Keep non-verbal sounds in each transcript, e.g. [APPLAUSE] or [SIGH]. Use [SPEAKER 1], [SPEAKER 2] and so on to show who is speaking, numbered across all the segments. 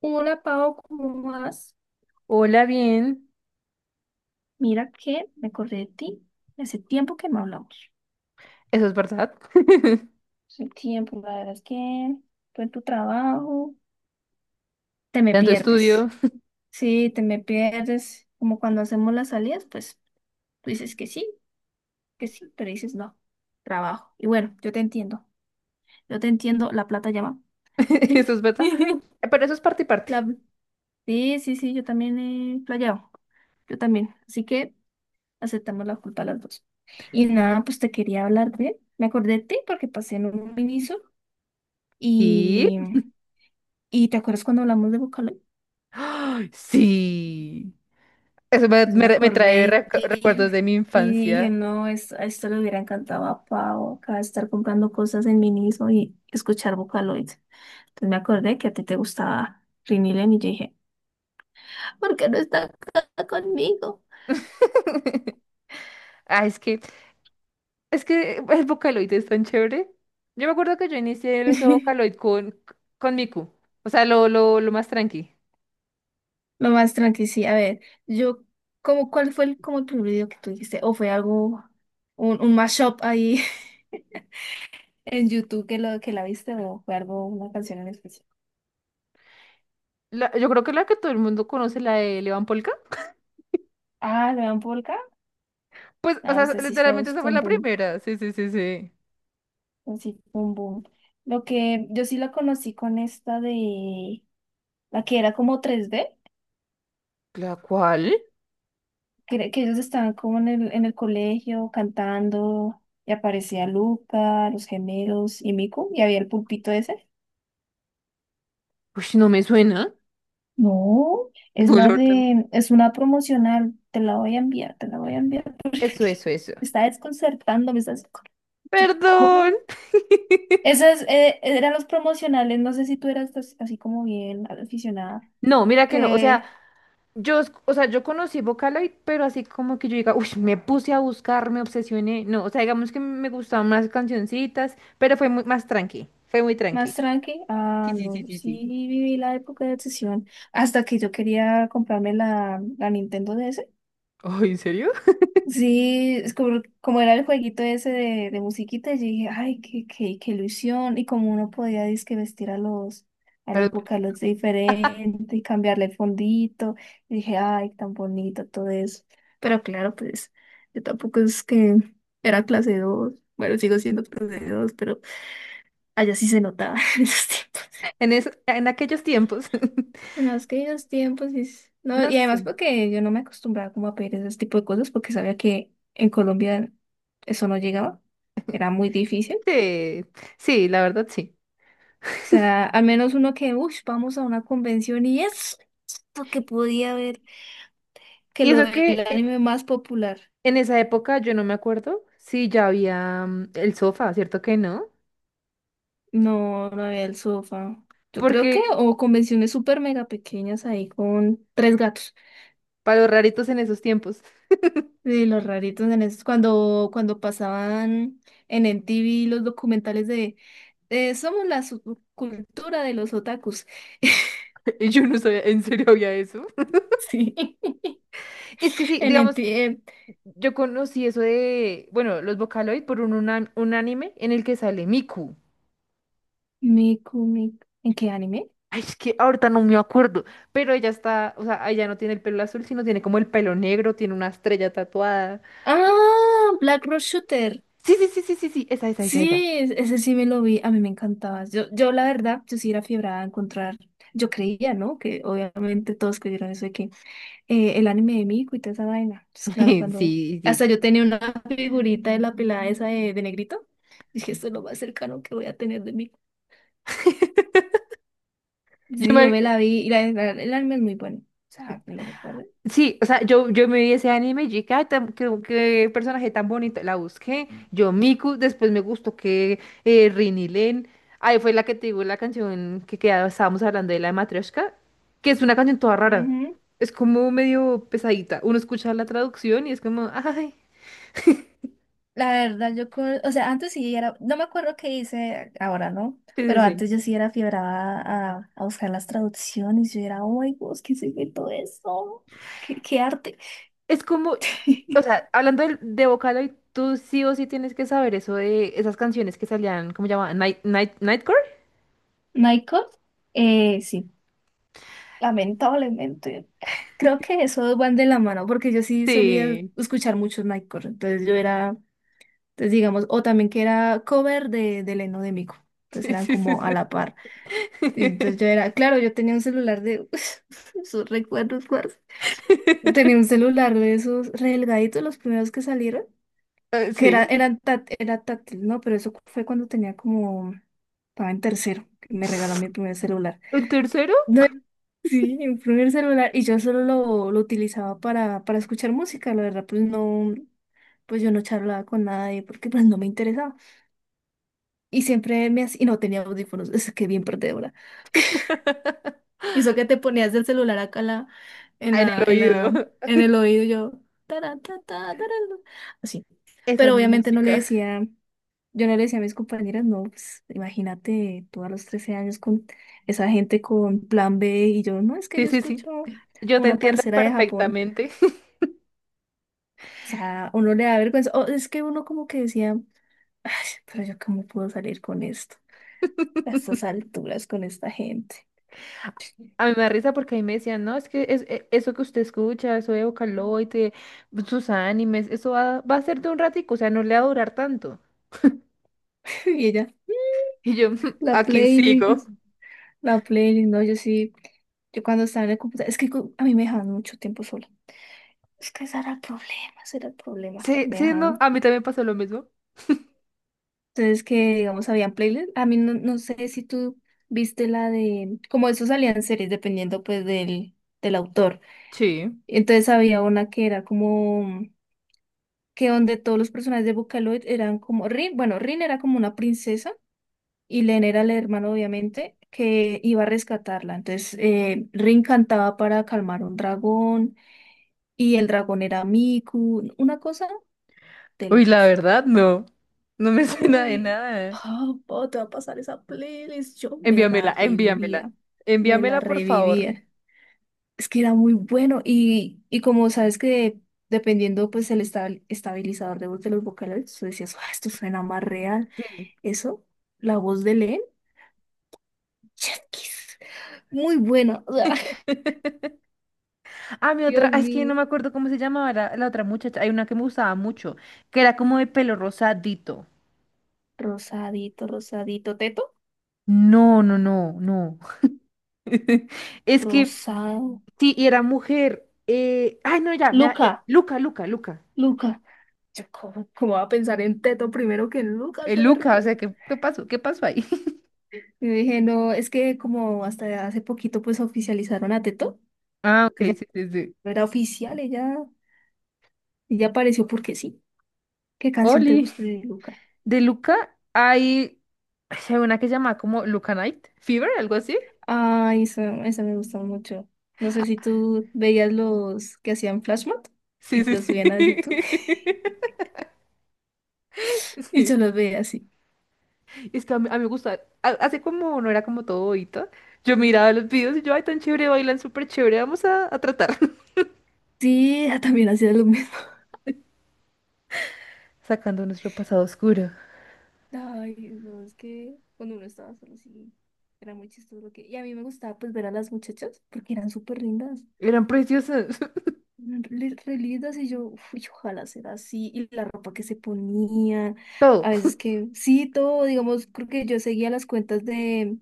[SPEAKER 1] Hola, Pau, ¿cómo vas?
[SPEAKER 2] Hola, bien.
[SPEAKER 1] Mira que me acordé de ti. Hace tiempo que no hablamos.
[SPEAKER 2] Eso es verdad. [LAUGHS]
[SPEAKER 1] Hace tiempo, la verdad es que tú en tu trabajo, te me
[SPEAKER 2] Tanto estudio.
[SPEAKER 1] pierdes. Sí, te me pierdes, como cuando hacemos las salidas. Pues tú dices que sí, pero dices no, trabajo. Y bueno, yo te entiendo, la plata llama.
[SPEAKER 2] [LAUGHS]
[SPEAKER 1] [LAUGHS]
[SPEAKER 2] Eso es verdad. Pero eso es parte y parte.
[SPEAKER 1] La- Sí, sí, sí, yo también he playado, yo también. Así que aceptamos la culpa las dos. Y nada, pues te quería hablar de, me acordé de ti porque pasé en un miniso
[SPEAKER 2] Y...
[SPEAKER 1] y, y ¿te acuerdas cuando hablamos de Vocaloid?
[SPEAKER 2] ¡Ay, sí! Eso me,
[SPEAKER 1] Pues me
[SPEAKER 2] me- me trae
[SPEAKER 1] acordé de ti
[SPEAKER 2] recuerdos de mi
[SPEAKER 1] y dije,
[SPEAKER 2] infancia.
[SPEAKER 1] no, a esto le hubiera encantado a Pau, acá estar comprando cosas en miniso y escuchar Vocaloid. Entonces me acordé que a ti te gustaba Rini Len y yo dije, ¿por qué no está acá conmigo?
[SPEAKER 2] [LAUGHS] Ah, es que el Vocaloid es tan chévere. Yo me acuerdo que yo inicié ese
[SPEAKER 1] [LAUGHS]
[SPEAKER 2] Vocaloid con Miku. O sea, lo más tranqui.
[SPEAKER 1] Lo más tranqui, sí. A ver, yo, ¿cómo, cuál fue el, como el primer video que tú dijiste? ¿O fue algo, un mashup ahí [LAUGHS] en YouTube que lo que la viste? ¿O fue algo, una canción en especial?
[SPEAKER 2] Yo creo que la que todo el mundo conoce, la de Levan Polka. [LAUGHS]
[SPEAKER 1] Ah, ¿le dan Polka?
[SPEAKER 2] Pues, o
[SPEAKER 1] Ah,
[SPEAKER 2] sea,
[SPEAKER 1] pues así fue,
[SPEAKER 2] literalmente esa
[SPEAKER 1] fue
[SPEAKER 2] fue
[SPEAKER 1] un
[SPEAKER 2] la
[SPEAKER 1] boom.
[SPEAKER 2] primera. Sí, sí, sí, sí.
[SPEAKER 1] Así fue un boom. Lo que yo sí la conocí con esta de, la que era como tres d,
[SPEAKER 2] ¿La cual?
[SPEAKER 1] que, que ellos estaban como en el colegio cantando y aparecía Luca, los gemelos y Miku, y había el pulpito ese.
[SPEAKER 2] Uy, no me suena. [LAUGHS]
[SPEAKER 1] No, es
[SPEAKER 2] No, la
[SPEAKER 1] la
[SPEAKER 2] verdad, no.
[SPEAKER 1] de, es una promocional, te la voy a enviar, te la voy a enviar.
[SPEAKER 2] Eso, eso, eso.
[SPEAKER 1] Me está desconcertando, me está yo,
[SPEAKER 2] Perdón.
[SPEAKER 1] ¿cómo?
[SPEAKER 2] [LAUGHS]
[SPEAKER 1] Esas eran los promocionales, no sé si tú eras así como bien aficionada,
[SPEAKER 2] No, mira que no, o sea,
[SPEAKER 1] que
[SPEAKER 2] yo, o sea, yo conocí Vocaloid, pero así como que yo diga, uy, me puse a buscar, me obsesioné, no, o sea, digamos que me gustaban más cancioncitas, pero fue muy, más tranqui, fue muy tranqui.
[SPEAKER 1] más tranqui.
[SPEAKER 2] Sí,
[SPEAKER 1] Ah,
[SPEAKER 2] sí, sí,
[SPEAKER 1] no,
[SPEAKER 2] sí,
[SPEAKER 1] sí
[SPEAKER 2] sí.
[SPEAKER 1] viví la época de obsesión, hasta que yo quería comprarme la Nintendo DS.
[SPEAKER 2] Ay, ¿en serio?
[SPEAKER 1] Sí, es como, como era el jueguito ese de musiquita, yo dije, ay, qué ilusión. Y como uno podía dizque vestir a
[SPEAKER 2] Pero
[SPEAKER 1] los vocaloids diferente y cambiarle el fondito, y dije, ay, tan bonito todo eso. Pero claro, pues yo tampoco es que era clase dos. Bueno, sigo siendo clase dos, pero allá sí se notaba [LAUGHS] en esos tiempos.
[SPEAKER 2] en aquellos tiempos, [LAUGHS]
[SPEAKER 1] En los queridos tiempos, y, no,
[SPEAKER 2] no
[SPEAKER 1] y además
[SPEAKER 2] sé,
[SPEAKER 1] porque yo no me acostumbraba como a pedir ese tipo de cosas porque sabía que en Colombia eso no llegaba, era muy difícil.
[SPEAKER 2] sí, sí, la verdad sí.
[SPEAKER 1] O sea, al menos uno que, uff, vamos a una convención y es lo que podía ver, que
[SPEAKER 2] Y
[SPEAKER 1] lo
[SPEAKER 2] eso
[SPEAKER 1] del
[SPEAKER 2] que
[SPEAKER 1] anime más popular.
[SPEAKER 2] en esa época yo no me acuerdo si ya había el sofá, ¿cierto que no?
[SPEAKER 1] No, no había el sofá. Yo creo que,
[SPEAKER 2] Porque
[SPEAKER 1] o convenciones súper mega pequeñas ahí con tres gatos.
[SPEAKER 2] para los raritos en esos tiempos,
[SPEAKER 1] Sí, los raritos en esos, cuando pasaban en MTV los documentales de somos la subcultura de los otakus. [LAUGHS]
[SPEAKER 2] [LAUGHS] yo no sabía, en serio había eso.
[SPEAKER 1] Sí,
[SPEAKER 2] Es que sí,
[SPEAKER 1] en
[SPEAKER 2] digamos,
[SPEAKER 1] MTV.
[SPEAKER 2] yo conocí eso de, bueno, los Vocaloid por un anime en el que sale Miku.
[SPEAKER 1] Miku, Miku. ¿En qué anime?
[SPEAKER 2] Ay, es que ahorita no me acuerdo, pero ella está, o sea, ella no tiene el pelo azul, sino tiene como el pelo negro, tiene una estrella tatuada.
[SPEAKER 1] Ah, Black Rose Shooter.
[SPEAKER 2] Sí, sí, sí, sí, sí, sí, esa, esa, esa, esa.
[SPEAKER 1] Sí, ese sí me lo vi. A mí me encantaba. Yo la verdad, yo sí era fiebrada a encontrar. Yo creía, ¿no? Que obviamente todos creyeron eso de que el anime de Miku y toda esa vaina. Pues
[SPEAKER 2] [LAUGHS]
[SPEAKER 1] claro,
[SPEAKER 2] Sí,
[SPEAKER 1] cuando hasta yo
[SPEAKER 2] sí.
[SPEAKER 1] tenía una figurita de la pelada esa de negrito, dije, esto es lo más cercano que voy a tener de Miku.
[SPEAKER 2] [LAUGHS] Yo
[SPEAKER 1] Sí, yo
[SPEAKER 2] me,
[SPEAKER 1] me la vi y la, el anime es muy bueno. O sea, me lo recuerdo.
[SPEAKER 2] Sí, o sea, yo me vi ese anime y dije, ay, qué personaje tan bonito. La busqué, yo Miku, después me gustó que Rini Len. Ahí fue la que te digo la canción que quedaba, estábamos hablando de la de Matryoshka, que es una canción toda rara.
[SPEAKER 1] Ujú.
[SPEAKER 2] Es como medio pesadita. Uno escucha la traducción y es como, ay,
[SPEAKER 1] La verdad, yo, o sea, antes sí era, no me acuerdo qué hice ahora, ¿no?
[SPEAKER 2] sí, sí,
[SPEAKER 1] Pero
[SPEAKER 2] sí.
[SPEAKER 1] antes yo sí era fiebrada a buscar las traducciones, yo era, oh my Dios, ¿qué se inventó eso? Qué arte?
[SPEAKER 2] Es como, o
[SPEAKER 1] [LAUGHS]
[SPEAKER 2] sea, hablando de Vocaloid, tú sí o sí tienes que saber eso de esas canciones que salían, ¿cómo llamaban? Nightcore.
[SPEAKER 1] Michael, sí. Lamentablemente. Creo que eso van de la mano, porque yo sí solía
[SPEAKER 2] Sí,
[SPEAKER 1] escuchar muchos Nightcore. Entonces yo era, entonces digamos, o también que era cover de Leno de Mico.
[SPEAKER 2] [LAUGHS]
[SPEAKER 1] Entonces
[SPEAKER 2] sí,
[SPEAKER 1] eran
[SPEAKER 2] sí,
[SPEAKER 1] como a
[SPEAKER 2] sí.
[SPEAKER 1] la par.
[SPEAKER 2] Sí.
[SPEAKER 1] Y entonces
[SPEAKER 2] [LAUGHS]
[SPEAKER 1] yo era, claro, yo tenía un celular de [LAUGHS] sus recuerdos, parce. Tenía un
[SPEAKER 2] [LAUGHS]
[SPEAKER 1] celular de esos re delgaditos, los primeros que salieron, que
[SPEAKER 2] Sí.
[SPEAKER 1] era, eran era táctil, ¿no? Pero eso fue cuando tenía como, estaba en tercero, que me regaló mi primer celular.
[SPEAKER 2] ¿Un tercero?
[SPEAKER 1] No, sí, mi primer celular, y yo solo lo utilizaba para escuchar música, la verdad. Pues no, pues yo no charlaba con nadie porque pues no me interesaba. Y siempre me hacía, y no tenía audífonos, es que bien perdedora.
[SPEAKER 2] [LAUGHS]
[SPEAKER 1] Y eso que te ponías el celular acá en en
[SPEAKER 2] En el
[SPEAKER 1] la, en la,
[SPEAKER 2] oído.
[SPEAKER 1] en el oído, yo, taran, ta, ta, taran, así.
[SPEAKER 2] Esa es
[SPEAKER 1] Pero
[SPEAKER 2] mi
[SPEAKER 1] obviamente no le
[SPEAKER 2] música.
[SPEAKER 1] decía. Yo no le decía a mis compañeras, no, pues imagínate tú a los 13 años con esa gente con plan B, y yo, no, es que
[SPEAKER 2] Sí,
[SPEAKER 1] yo
[SPEAKER 2] sí, sí.
[SPEAKER 1] escucho a
[SPEAKER 2] Yo te
[SPEAKER 1] una
[SPEAKER 2] entiendo
[SPEAKER 1] parcera de Japón.
[SPEAKER 2] perfectamente. [LAUGHS]
[SPEAKER 1] O sea, uno le da vergüenza. O es que uno como que decía, "Ay, pero yo cómo puedo salir con esto, a estas alturas con esta gente". [LAUGHS]
[SPEAKER 2] A mí me da risa porque a mí me decían, no, es que eso que usted escucha, eso de Vocaloid, sus animes, eso va a ser de un ratico, o sea, no le va a durar tanto.
[SPEAKER 1] Y ella,
[SPEAKER 2] Y yo, [LAUGHS]
[SPEAKER 1] la
[SPEAKER 2] aquí sigo.
[SPEAKER 1] playlist, la playlist, no, yo sí, yo cuando estaba en el computador, es que a mí me dejaban mucho tiempo sola. Es que ese era el problema, ese era el problema.
[SPEAKER 2] Sí,
[SPEAKER 1] Me
[SPEAKER 2] sí, no,
[SPEAKER 1] dejaban.
[SPEAKER 2] a mí también pasó lo mismo.
[SPEAKER 1] Entonces, que digamos, habían playlists. A mí no, no sé si tú viste la de, como eso salían series, dependiendo pues del, del autor.
[SPEAKER 2] Sí.
[SPEAKER 1] Entonces había una que era como, que donde todos los personajes de Vocaloid eran como, Rin, bueno, Rin era como una princesa y Len era el hermano, obviamente, que iba a rescatarla. Entonces, Rin cantaba para calmar a un dragón y el dragón era Miku, una cosa de
[SPEAKER 2] Uy, la
[SPEAKER 1] locos.
[SPEAKER 2] verdad, no. No me [LAUGHS] suena de
[SPEAKER 1] Uy,
[SPEAKER 2] nada.
[SPEAKER 1] papá, te va a pasar esa playlist. Yo me
[SPEAKER 2] Envíamela,
[SPEAKER 1] la
[SPEAKER 2] envíamela.
[SPEAKER 1] revivía, me la
[SPEAKER 2] Envíamela, por favor.
[SPEAKER 1] revivía. Es que era muy bueno, y como sabes que dependiendo pues el estabilizador de voz de los vocales, tú decías, "Ah, esto suena más real".
[SPEAKER 2] Sí.
[SPEAKER 1] Eso, la voz de Len, chasquis, muy buena, o sea. [LAUGHS]
[SPEAKER 2] [LAUGHS] Ah,
[SPEAKER 1] Dios
[SPEAKER 2] es que no
[SPEAKER 1] mío.
[SPEAKER 2] me acuerdo cómo se llamaba la otra muchacha. Hay una que me gustaba mucho, que era como de pelo rosadito.
[SPEAKER 1] Teto,
[SPEAKER 2] No, no, no, no. [LAUGHS] Es que
[SPEAKER 1] rosado.
[SPEAKER 2] sí, y era mujer. Ay, no, ya, ya.
[SPEAKER 1] Luca,
[SPEAKER 2] Luca, Luca, Luca.
[SPEAKER 1] Luca. Yo, ¿cómo, cómo va a pensar en Teto primero que en Luca? ¡Qué
[SPEAKER 2] Luca, o sea,
[SPEAKER 1] vergüenza!
[SPEAKER 2] ¿qué pasó? ¿Qué pasó ahí? [LAUGHS]
[SPEAKER 1] Yo dije, no, es que como hasta hace poquito pues oficializaron a Teto,
[SPEAKER 2] Ah, ok,
[SPEAKER 1] ella
[SPEAKER 2] sí, sí, sí.
[SPEAKER 1] no era oficial, ella apareció porque sí. ¿Qué canción te
[SPEAKER 2] Oli,
[SPEAKER 1] gusta de Luca?
[SPEAKER 2] de Luca hay, hay una que se llama como Luca Night Fever, algo así.
[SPEAKER 1] Ay, esa me gusta mucho. No sé si tú veías los que hacían Flashmob
[SPEAKER 2] Sí,
[SPEAKER 1] y
[SPEAKER 2] sí,
[SPEAKER 1] los
[SPEAKER 2] sí.
[SPEAKER 1] subían a YouTube [LAUGHS]
[SPEAKER 2] [LAUGHS]
[SPEAKER 1] y yo
[SPEAKER 2] Sí.
[SPEAKER 1] los veía así.
[SPEAKER 2] Es que a mí me gusta, así como no era como todo bobita, yo miraba los videos y yo, ay, tan chévere, bailan súper chévere, vamos a tratar. [LAUGHS]
[SPEAKER 1] Sí, ella también hacía lo mismo.
[SPEAKER 2] Sacando nuestro pasado oscuro.
[SPEAKER 1] [LAUGHS] Ay, no, es que cuando uno estaba solo sí, era muy chistoso lo que… Y a mí me gustaba pues ver a las muchachas porque eran súper lindas.
[SPEAKER 2] Eran preciosos, [LAUGHS]
[SPEAKER 1] Re re lindas, y yo, uy, ojalá sea así, y la ropa que se ponía,
[SPEAKER 2] todo.
[SPEAKER 1] a veces que, sí, todo, digamos, creo que yo seguía las cuentas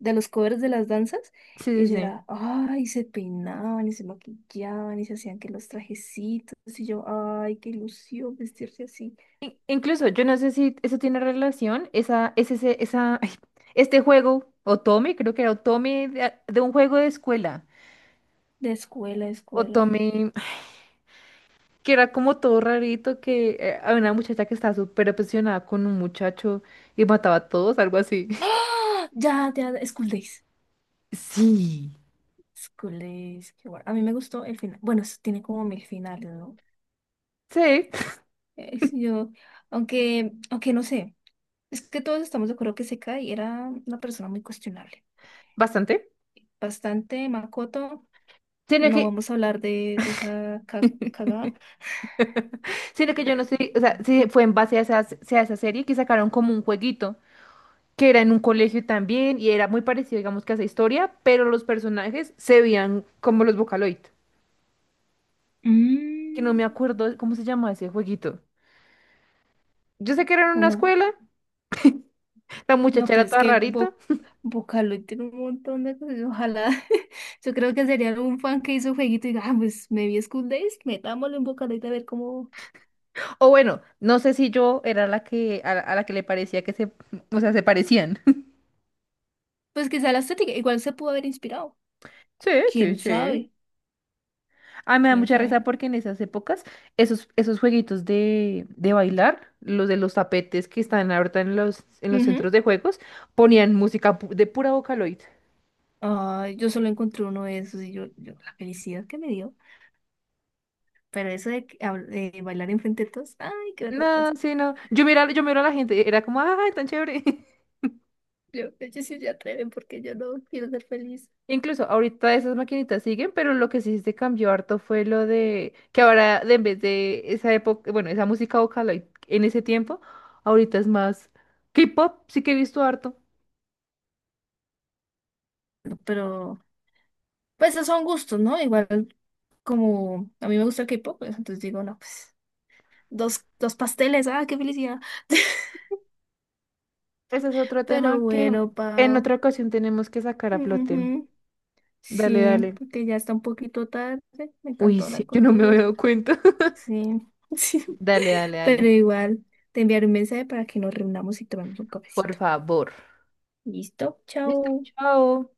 [SPEAKER 1] de los covers de las danzas, y
[SPEAKER 2] Sí, sí,
[SPEAKER 1] yo
[SPEAKER 2] sí.
[SPEAKER 1] era, ay, se peinaban y se maquillaban y se hacían que los trajecitos, y yo, ay, qué ilusión vestirse así,
[SPEAKER 2] Incluso, yo no sé si eso tiene relación, esa, es ese, esa, [LAUGHS] ay, este juego, Otome, creo que era Otome de un juego de escuela.
[SPEAKER 1] de escuela a escuela.
[SPEAKER 2] Otome, ay, que era como todo rarito, que había una muchacha que estaba súper obsesionada con un muchacho y mataba a todos, algo así.
[SPEAKER 1] ¡Ah! Ya, ya, School Days.
[SPEAKER 2] [LAUGHS] Sí.
[SPEAKER 1] School Days, qué bueno. A mí me gustó el final. Bueno, eso tiene como mil finales, ¿no?
[SPEAKER 2] Sí,
[SPEAKER 1] Yo, aunque, aunque no sé. Es que todos estamos de acuerdo que Sekai era una persona muy cuestionable.
[SPEAKER 2] bastante.
[SPEAKER 1] Bastante, Makoto.
[SPEAKER 2] Sino
[SPEAKER 1] No
[SPEAKER 2] que,
[SPEAKER 1] vamos a hablar de esa cagada.
[SPEAKER 2] [LAUGHS] Sino que yo no sé, o sea, si fue en base a esa serie que sacaron como un jueguito, que era en un colegio también, y era muy parecido, digamos, que a esa historia, pero los personajes se veían como los Vocaloid, que no
[SPEAKER 1] Mm,
[SPEAKER 2] me acuerdo cómo se llamaba ese jueguito. Yo sé que era en una
[SPEAKER 1] bueno,
[SPEAKER 2] escuela, la
[SPEAKER 1] no,
[SPEAKER 2] muchacha
[SPEAKER 1] pero
[SPEAKER 2] era
[SPEAKER 1] es
[SPEAKER 2] toda
[SPEAKER 1] que
[SPEAKER 2] rarita,
[SPEAKER 1] Bo Vocaloid tiene un montón de cosas. Ojalá. [LAUGHS] Yo creo que sería algún fan que hizo jueguito y diga, ah, pues me vi School Days, metámoslo en Vocaloid a ver cómo.
[SPEAKER 2] o bueno, no sé si yo era la que, a la que le parecía que o sea, se parecían. [LAUGHS]
[SPEAKER 1] Pues quizá la estética, igual se pudo haber inspirado.
[SPEAKER 2] Sí, sí,
[SPEAKER 1] Quién
[SPEAKER 2] sí.
[SPEAKER 1] sabe,
[SPEAKER 2] Ah, me da
[SPEAKER 1] quién
[SPEAKER 2] mucha risa
[SPEAKER 1] sabe.
[SPEAKER 2] porque en esas épocas, esos jueguitos de bailar, los de los tapetes que están ahorita en los
[SPEAKER 1] Ujú.
[SPEAKER 2] centros de juegos, ponían música de pura Vocaloid.
[SPEAKER 1] Ay, yo solo encontré uno de esos, y yo la felicidad que me dio. Pero eso de, que de bailar enfrente de todos, ay, qué
[SPEAKER 2] No,
[SPEAKER 1] vergüenza.
[SPEAKER 2] sí, no. Yo mira, yo miro a la gente, era como, ¡ay, tan chévere! [LAUGHS]
[SPEAKER 1] Yo, ellos sí se atreven porque yo no quiero ser feliz.
[SPEAKER 2] Incluso ahorita esas maquinitas siguen, pero lo que sí se cambió harto fue lo de que ahora, en vez de esa época, bueno, esa música Vocaloid en ese tiempo, ahorita es más K-pop, sí que he visto harto.
[SPEAKER 1] Pero, pues, esos son gustos, ¿no? Igual, como a mí me gusta el K-pop, pues, entonces digo, no, pues, dos pasteles, ah, qué felicidad. [LAUGHS]
[SPEAKER 2] Ese es otro
[SPEAKER 1] Pero
[SPEAKER 2] tema que
[SPEAKER 1] bueno,
[SPEAKER 2] en
[SPEAKER 1] Pau.
[SPEAKER 2] otra ocasión tenemos que sacar a flote.
[SPEAKER 1] Ujú,
[SPEAKER 2] Dale,
[SPEAKER 1] sí,
[SPEAKER 2] dale.
[SPEAKER 1] porque ya está un poquito tarde. Me
[SPEAKER 2] Uy,
[SPEAKER 1] encantó hablar
[SPEAKER 2] sí, yo no me
[SPEAKER 1] contigo.
[SPEAKER 2] había dado cuenta. [LAUGHS]
[SPEAKER 1] Sí, [LAUGHS] sí.
[SPEAKER 2] Dale, dale,
[SPEAKER 1] Pero
[SPEAKER 2] dale.
[SPEAKER 1] igual, te enviaré un mensaje para que nos reunamos y tomemos un
[SPEAKER 2] Por
[SPEAKER 1] cafecito.
[SPEAKER 2] favor.
[SPEAKER 1] Listo,
[SPEAKER 2] Listo,
[SPEAKER 1] chao.
[SPEAKER 2] chao.